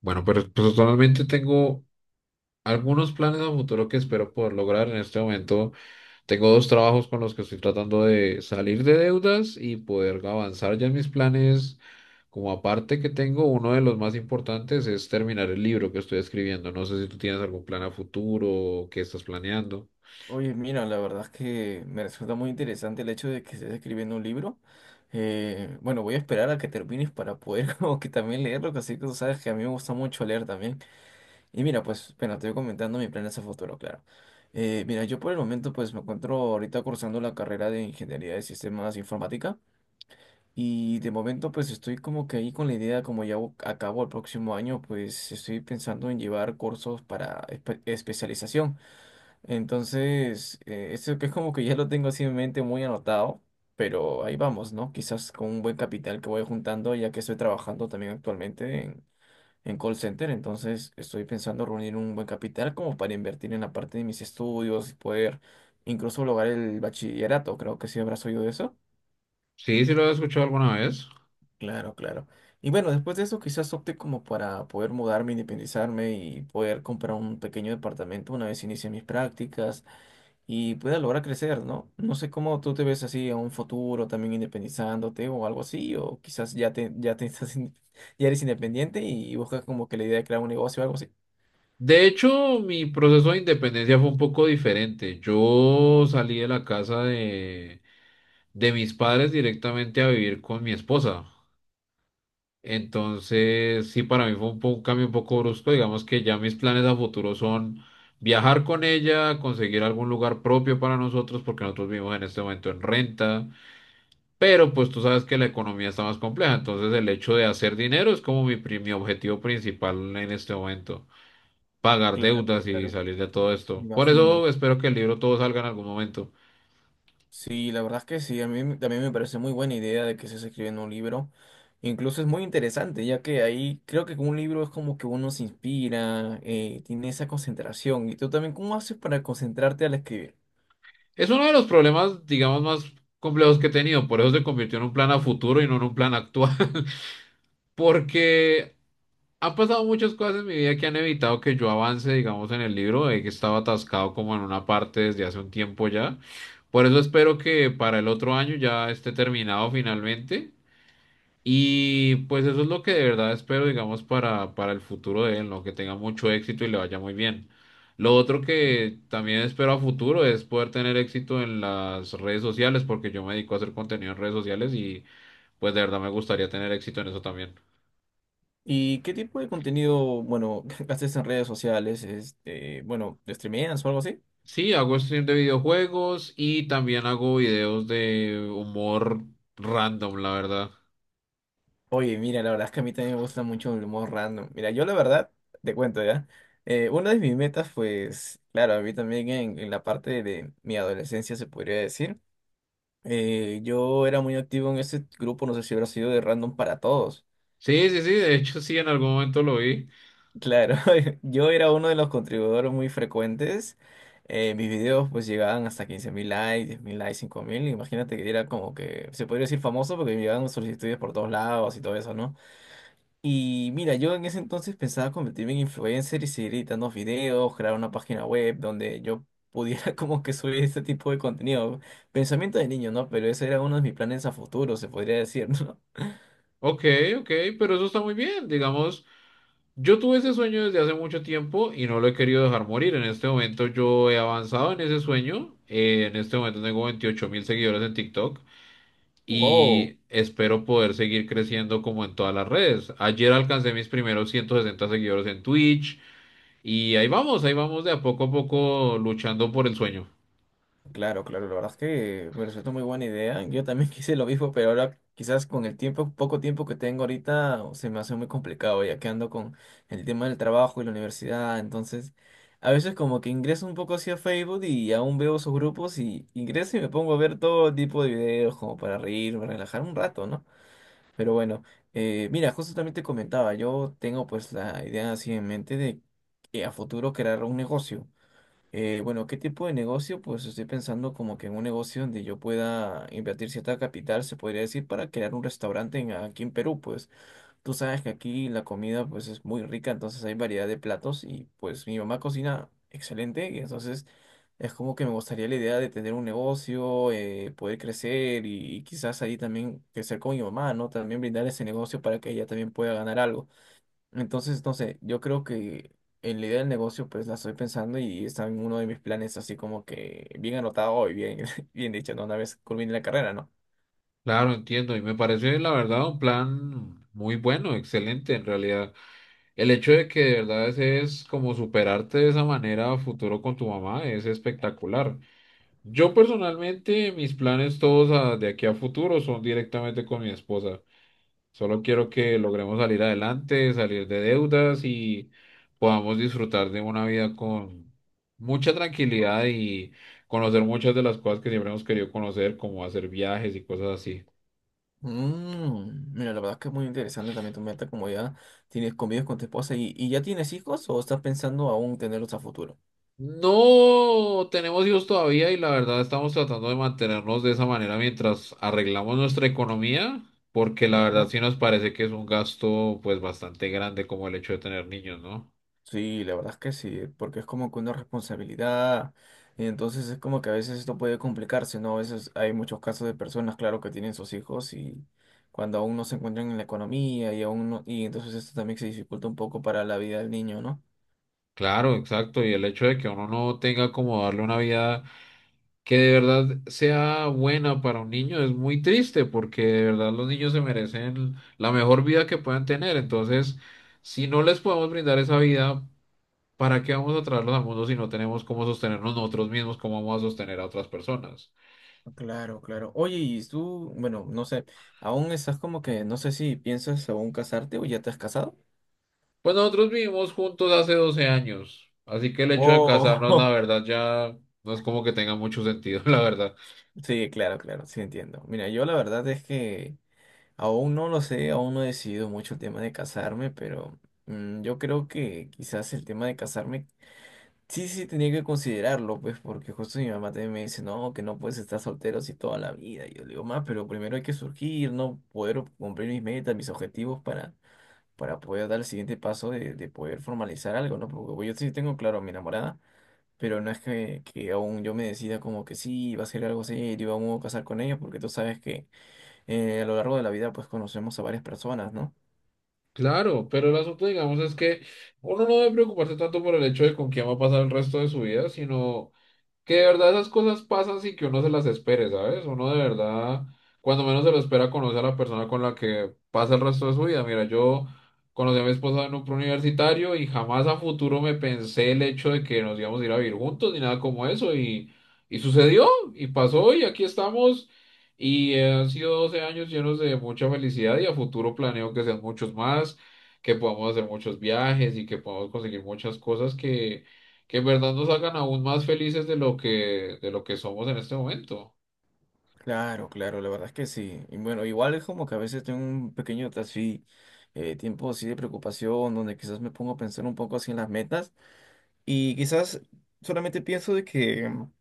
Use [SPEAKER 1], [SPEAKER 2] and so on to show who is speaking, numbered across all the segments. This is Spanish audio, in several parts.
[SPEAKER 1] Bueno, pero personalmente tengo algunos planes a futuro que espero poder lograr en este momento. Tengo dos trabajos con los que estoy tratando de salir de deudas y poder avanzar ya en mis planes. Como aparte que tengo, uno de los más importantes es terminar el libro que estoy escribiendo. No sé si tú tienes algún plan a futuro o qué estás planeando.
[SPEAKER 2] Oye, mira, la verdad es que me resulta muy interesante el hecho de que estés escribiendo un libro. Bueno, voy a esperar a que termines para poder como que también leerlo, que así que tú sabes que a mí me gusta mucho leer también. Y mira, pues, bueno, te voy comentando mis planes a futuro, claro. Mira, yo por el momento pues me encuentro ahorita cursando la carrera de Ingeniería de Sistemas Informática y de momento pues estoy como que ahí con la idea, como ya acabo el próximo año, pues estoy pensando en llevar cursos para especialización. Entonces, eso que es como que ya lo tengo así en mente muy anotado, pero ahí vamos, ¿no? Quizás con un buen capital que voy juntando, ya que estoy trabajando también actualmente en call center, entonces estoy pensando reunir un buen capital como para invertir en la parte de mis estudios y poder incluso lograr el bachillerato, creo que sí habrás oído de eso.
[SPEAKER 1] Sí, sí lo he escuchado alguna vez.
[SPEAKER 2] Claro, claro. Y bueno, después de eso quizás opte como para poder mudarme, independizarme y poder comprar un pequeño departamento una vez inicie mis prácticas y pueda lograr crecer, ¿no? No sé cómo tú te ves así a un futuro también independizándote o algo así, o quizás ya te estás, ya eres independiente y buscas como que la idea de crear un negocio o algo así.
[SPEAKER 1] De hecho, mi proceso de independencia fue un poco diferente. Yo salí de la casa de mis padres directamente a vivir con mi esposa. Entonces, sí, para mí fue un, un cambio un poco brusco. Digamos que ya mis planes a futuro son viajar con ella, conseguir algún lugar propio para nosotros, porque nosotros vivimos en este momento en renta. Pero pues tú sabes que la economía está más compleja, entonces el hecho de hacer dinero es como mi, mi objetivo principal en este momento, pagar
[SPEAKER 2] Claro,
[SPEAKER 1] deudas y
[SPEAKER 2] claro,
[SPEAKER 1] salir de todo
[SPEAKER 2] me
[SPEAKER 1] esto. Por
[SPEAKER 2] imagino.
[SPEAKER 1] eso espero que el libro todo salga en algún momento.
[SPEAKER 2] Sí, la verdad es que sí, a también me parece muy buena idea de que estés escribiendo un libro. Incluso es muy interesante, ya que ahí creo que con un libro es como que uno se inspira, tiene esa concentración. ¿Y tú también cómo haces para concentrarte al escribir?
[SPEAKER 1] Es uno de los problemas, digamos, más complejos que he tenido, por eso se convirtió en un plan a futuro y no en un plan actual, porque han pasado muchas cosas en mi vida que han evitado que yo avance, digamos, en el libro, de que estaba atascado como en una parte desde hace un tiempo ya. Por eso espero que para el otro año ya esté terminado finalmente. Y pues eso es lo que de verdad espero, digamos, para el futuro de él, ¿no? Que tenga mucho éxito y le vaya muy bien. Lo otro que también espero a futuro es poder tener éxito en las redes sociales, porque yo me dedico a hacer contenido en redes sociales y pues de verdad me gustaría tener éxito en eso también.
[SPEAKER 2] ¿Y qué tipo de contenido, bueno, haces en redes sociales? Este, bueno, ¿streameas o algo así?
[SPEAKER 1] Sí, hago stream de videojuegos y también hago videos de humor random, la verdad.
[SPEAKER 2] Oye, mira, la verdad es que a mí también me gusta mucho el humor random. Mira, yo la verdad, te cuento ya, una de mis metas, pues, claro, a mí también en la parte de mi adolescencia se podría decir, yo era muy activo en ese grupo, no sé si habrá sido de Random para Todos.
[SPEAKER 1] Sí, sí, sí, de hecho sí, en algún momento lo vi.
[SPEAKER 2] Claro, yo era uno de los contribuidores muy frecuentes. Mis videos pues llegaban hasta 15.000 likes, 10.000 likes, 5.000. Imagínate que era como que, se podría decir famoso porque me llegaban solicitudes por todos lados y todo eso, ¿no? Y mira, yo en ese entonces pensaba convertirme en influencer y seguir editando videos, crear una página web donde yo pudiera como que subir este tipo de contenido. Pensamiento de niño, ¿no? Pero ese era uno de mis planes a futuro, se podría decir, ¿no?
[SPEAKER 1] Ok, ok, pero eso está muy bien. Digamos, yo tuve ese sueño desde hace mucho tiempo y no lo he querido dejar morir. En este momento yo he avanzado en ese sueño. En este momento tengo 28.000 seguidores en TikTok
[SPEAKER 2] Wow.
[SPEAKER 1] y espero poder seguir creciendo como en todas las redes. Ayer alcancé mis primeros 160 seguidores en Twitch y ahí vamos de a poco luchando por el sueño.
[SPEAKER 2] Claro, claro, la verdad es que me resultó muy buena idea. Yo también quise lo mismo, pero ahora quizás con el tiempo, poco tiempo que tengo ahorita, se me hace muy complicado, ya que ando con el tema del trabajo y la universidad. Entonces, a veces como que ingreso un poco hacia Facebook y aún veo esos grupos y ingreso y me pongo a ver todo tipo de videos como para reírme, relajar un rato, ¿no? Pero bueno, mira, justo también te comentaba, yo tengo pues la idea así en mente de a futuro crear un negocio. Bueno, ¿qué tipo de negocio? Pues estoy pensando como que en un negocio donde yo pueda invertir cierta capital, se podría decir, para crear un restaurante aquí en Perú. Pues tú sabes que aquí la comida pues es muy rica, entonces hay variedad de platos y pues mi mamá cocina excelente y entonces es como que me gustaría la idea de tener un negocio, poder crecer y quizás ahí también crecer con mi mamá, ¿no? También brindar ese negocio para que ella también pueda ganar algo. Entonces, no sé, yo creo que en la idea del negocio, pues la estoy pensando y está en uno de mis planes, así como que bien anotado y bien, bien dicho, ¿no? Una vez culmine la carrera, ¿no?
[SPEAKER 1] Claro, entiendo y me parece la verdad un plan muy bueno, excelente en realidad. El hecho de que de verdad es como superarte de esa manera a futuro con tu mamá es espectacular. Yo personalmente, mis planes todos de aquí a futuro son directamente con mi esposa. Solo quiero que logremos salir adelante, salir de deudas y podamos disfrutar de una vida con mucha tranquilidad y conocer muchas de las cosas que siempre hemos querido conocer, como hacer viajes y cosas así.
[SPEAKER 2] Mm, mira, la verdad es que es muy interesante también tu meta, como ya tienes convives con tu esposa y ya tienes hijos o estás pensando aún tenerlos a futuro.
[SPEAKER 1] No tenemos hijos todavía y la verdad estamos tratando de mantenernos de esa manera mientras arreglamos nuestra economía, porque la verdad
[SPEAKER 2] Claro.
[SPEAKER 1] sí nos parece que es un gasto pues bastante grande como el hecho de tener niños, ¿no?
[SPEAKER 2] Sí, la verdad es que sí, porque es como que una responsabilidad, y entonces es como que a veces esto puede complicarse, ¿no? A veces hay muchos casos de personas, claro, que tienen sus hijos y cuando aún no se encuentran en la economía y aún no, y entonces esto también se dificulta un poco para la vida del niño, ¿no?
[SPEAKER 1] Claro, exacto, y el hecho de que uno no tenga como darle una vida que de verdad sea buena para un niño es muy triste porque de verdad los niños se merecen la mejor vida que puedan tener, entonces si no les podemos brindar esa vida. ¿Para qué vamos a traerlos al mundo si no tenemos cómo sostenernos nosotros mismos? ¿Cómo vamos a sostener a otras personas?
[SPEAKER 2] Claro, claro. Oye, y tú, bueno, no sé, aún estás como que, no sé si piensas aún casarte o ya te has casado.
[SPEAKER 1] Pues nosotros vivimos juntos hace 12 años, así que el hecho de casarnos, la
[SPEAKER 2] Wow.
[SPEAKER 1] verdad, ya no es como que tenga mucho sentido, la verdad.
[SPEAKER 2] Sí, claro, claro, sí entiendo. Mira, yo la verdad es que aún no lo sé, aún no he decidido mucho el tema de casarme, pero mm, yo creo que quizás el tema de casarme sí tenía que considerarlo, pues, porque justo mi mamá también me dice, no, que no puedes estar soltero así toda la vida. Y yo le digo, más, pero primero hay que surgir, ¿no? Poder cumplir mis metas, mis objetivos para poder dar el siguiente paso de poder formalizar algo, ¿no? Porque pues, yo sí tengo claro a mi enamorada, pero no es que aún yo me decida como que sí, va a ser algo serio, aún me voy a casar con ella, porque tú sabes que a lo largo de la vida pues conocemos a varias personas, ¿no?
[SPEAKER 1] Claro, pero el asunto, digamos, es que uno no debe preocuparse tanto por el hecho de con quién va a pasar el resto de su vida, sino que de verdad esas cosas pasan sin que uno se las espere, ¿sabes? Uno de verdad, cuando menos se lo espera, conoce a la persona con la que pasa el resto de su vida. Mira, yo conocí a mi esposa en un preuniversitario y jamás a futuro me pensé el hecho de que nos íbamos a ir a vivir juntos ni nada como eso. Y sucedió, y pasó, y aquí estamos. Y han sido 12 años llenos de mucha felicidad y a futuro planeo que sean muchos más, que podamos hacer muchos viajes y que podamos conseguir muchas cosas que en verdad nos hagan aún más felices de de lo que somos en este momento.
[SPEAKER 2] Claro, claro, la verdad es que sí. Y bueno, igual es como que a veces tengo un pequeño así, tiempo así de preocupación, donde quizás me pongo a pensar un poco así en las metas y quizás solamente pienso de que mm,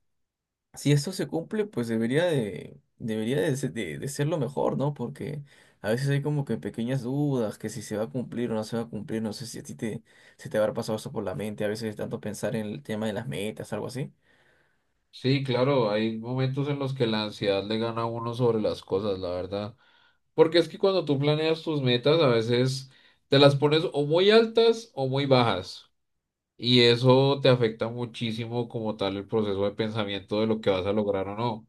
[SPEAKER 2] si esto se cumple, pues debería de, se- de ser lo mejor, ¿no? Porque a veces hay como que pequeñas dudas, que si se va a cumplir o no se va a cumplir, no sé si a ti se te habrá pasado eso por la mente, a veces tanto pensar en el tema de las metas, algo así.
[SPEAKER 1] Sí, claro, hay momentos en los que la ansiedad le gana a uno sobre las cosas, la verdad. Porque es que cuando tú planeas tus metas, a veces te las pones o muy altas o muy bajas. Y eso te afecta muchísimo como tal el proceso de pensamiento de lo que vas a lograr o no.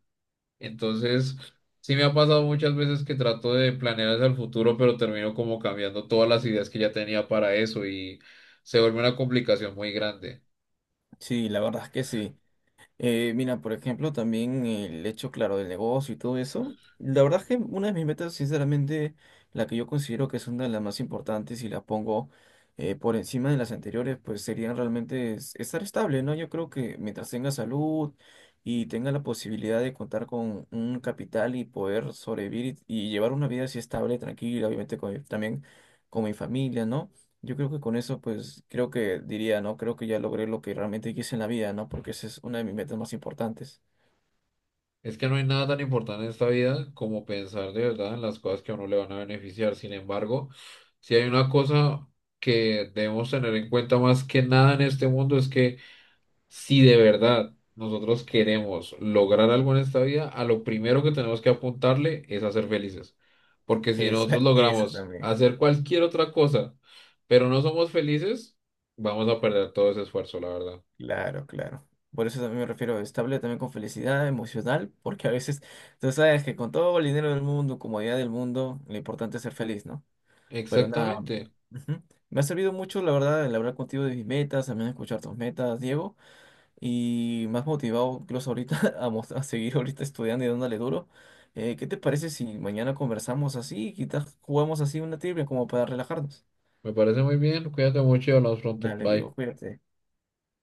[SPEAKER 1] Entonces, sí me ha pasado muchas veces que trato de planear hacia el futuro, pero termino como cambiando todas las ideas que ya tenía para eso y se vuelve una complicación muy grande.
[SPEAKER 2] Sí, la verdad es que sí. Mira, por ejemplo, también el hecho, claro, del negocio y todo eso. La verdad es que una de mis metas, sinceramente, la que yo considero que es una de las más importantes y la pongo por encima de las anteriores, pues serían realmente estar estable, ¿no? Yo creo que mientras tenga salud y tenga la posibilidad de contar con un capital y poder sobrevivir y llevar una vida así estable, tranquila, obviamente también con mi familia, ¿no? Yo creo que con eso, pues, creo que diría, ¿no? Creo que ya logré lo que realmente quise en la vida, ¿no? Porque esa es una de mis metas más importantes.
[SPEAKER 1] Es que no hay nada tan importante en esta vida como pensar de verdad en las cosas que a uno le van a beneficiar. Sin embargo, si hay una cosa que debemos tener en cuenta más que nada en este mundo es que si de verdad nosotros queremos lograr algo en esta vida, a lo primero que tenemos que apuntarle es a ser felices. Porque si nosotros
[SPEAKER 2] Esa, esa
[SPEAKER 1] logramos
[SPEAKER 2] también.
[SPEAKER 1] hacer cualquier otra cosa, pero no somos felices, vamos a perder todo ese esfuerzo, la verdad.
[SPEAKER 2] Claro, claro. Por eso también me refiero a estable también con felicidad emocional, porque a veces, tú sabes que con todo el dinero del mundo, comodidad del mundo, lo importante es ser feliz, ¿no? Pero nada,
[SPEAKER 1] Exactamente.
[SPEAKER 2] ujú. Me ha servido mucho, la verdad, el hablar contigo de mis metas, también escuchar tus metas, Diego. Y más motivado incluso ahorita a, a seguir ahorita estudiando y dándole duro. ¿Qué te parece si mañana conversamos así y quizás jugamos así una trivia como para relajarnos?
[SPEAKER 1] Me parece muy bien. Cuídate mucho y hablamos pronto.
[SPEAKER 2] Dale,
[SPEAKER 1] Bye.
[SPEAKER 2] digo, cuídate.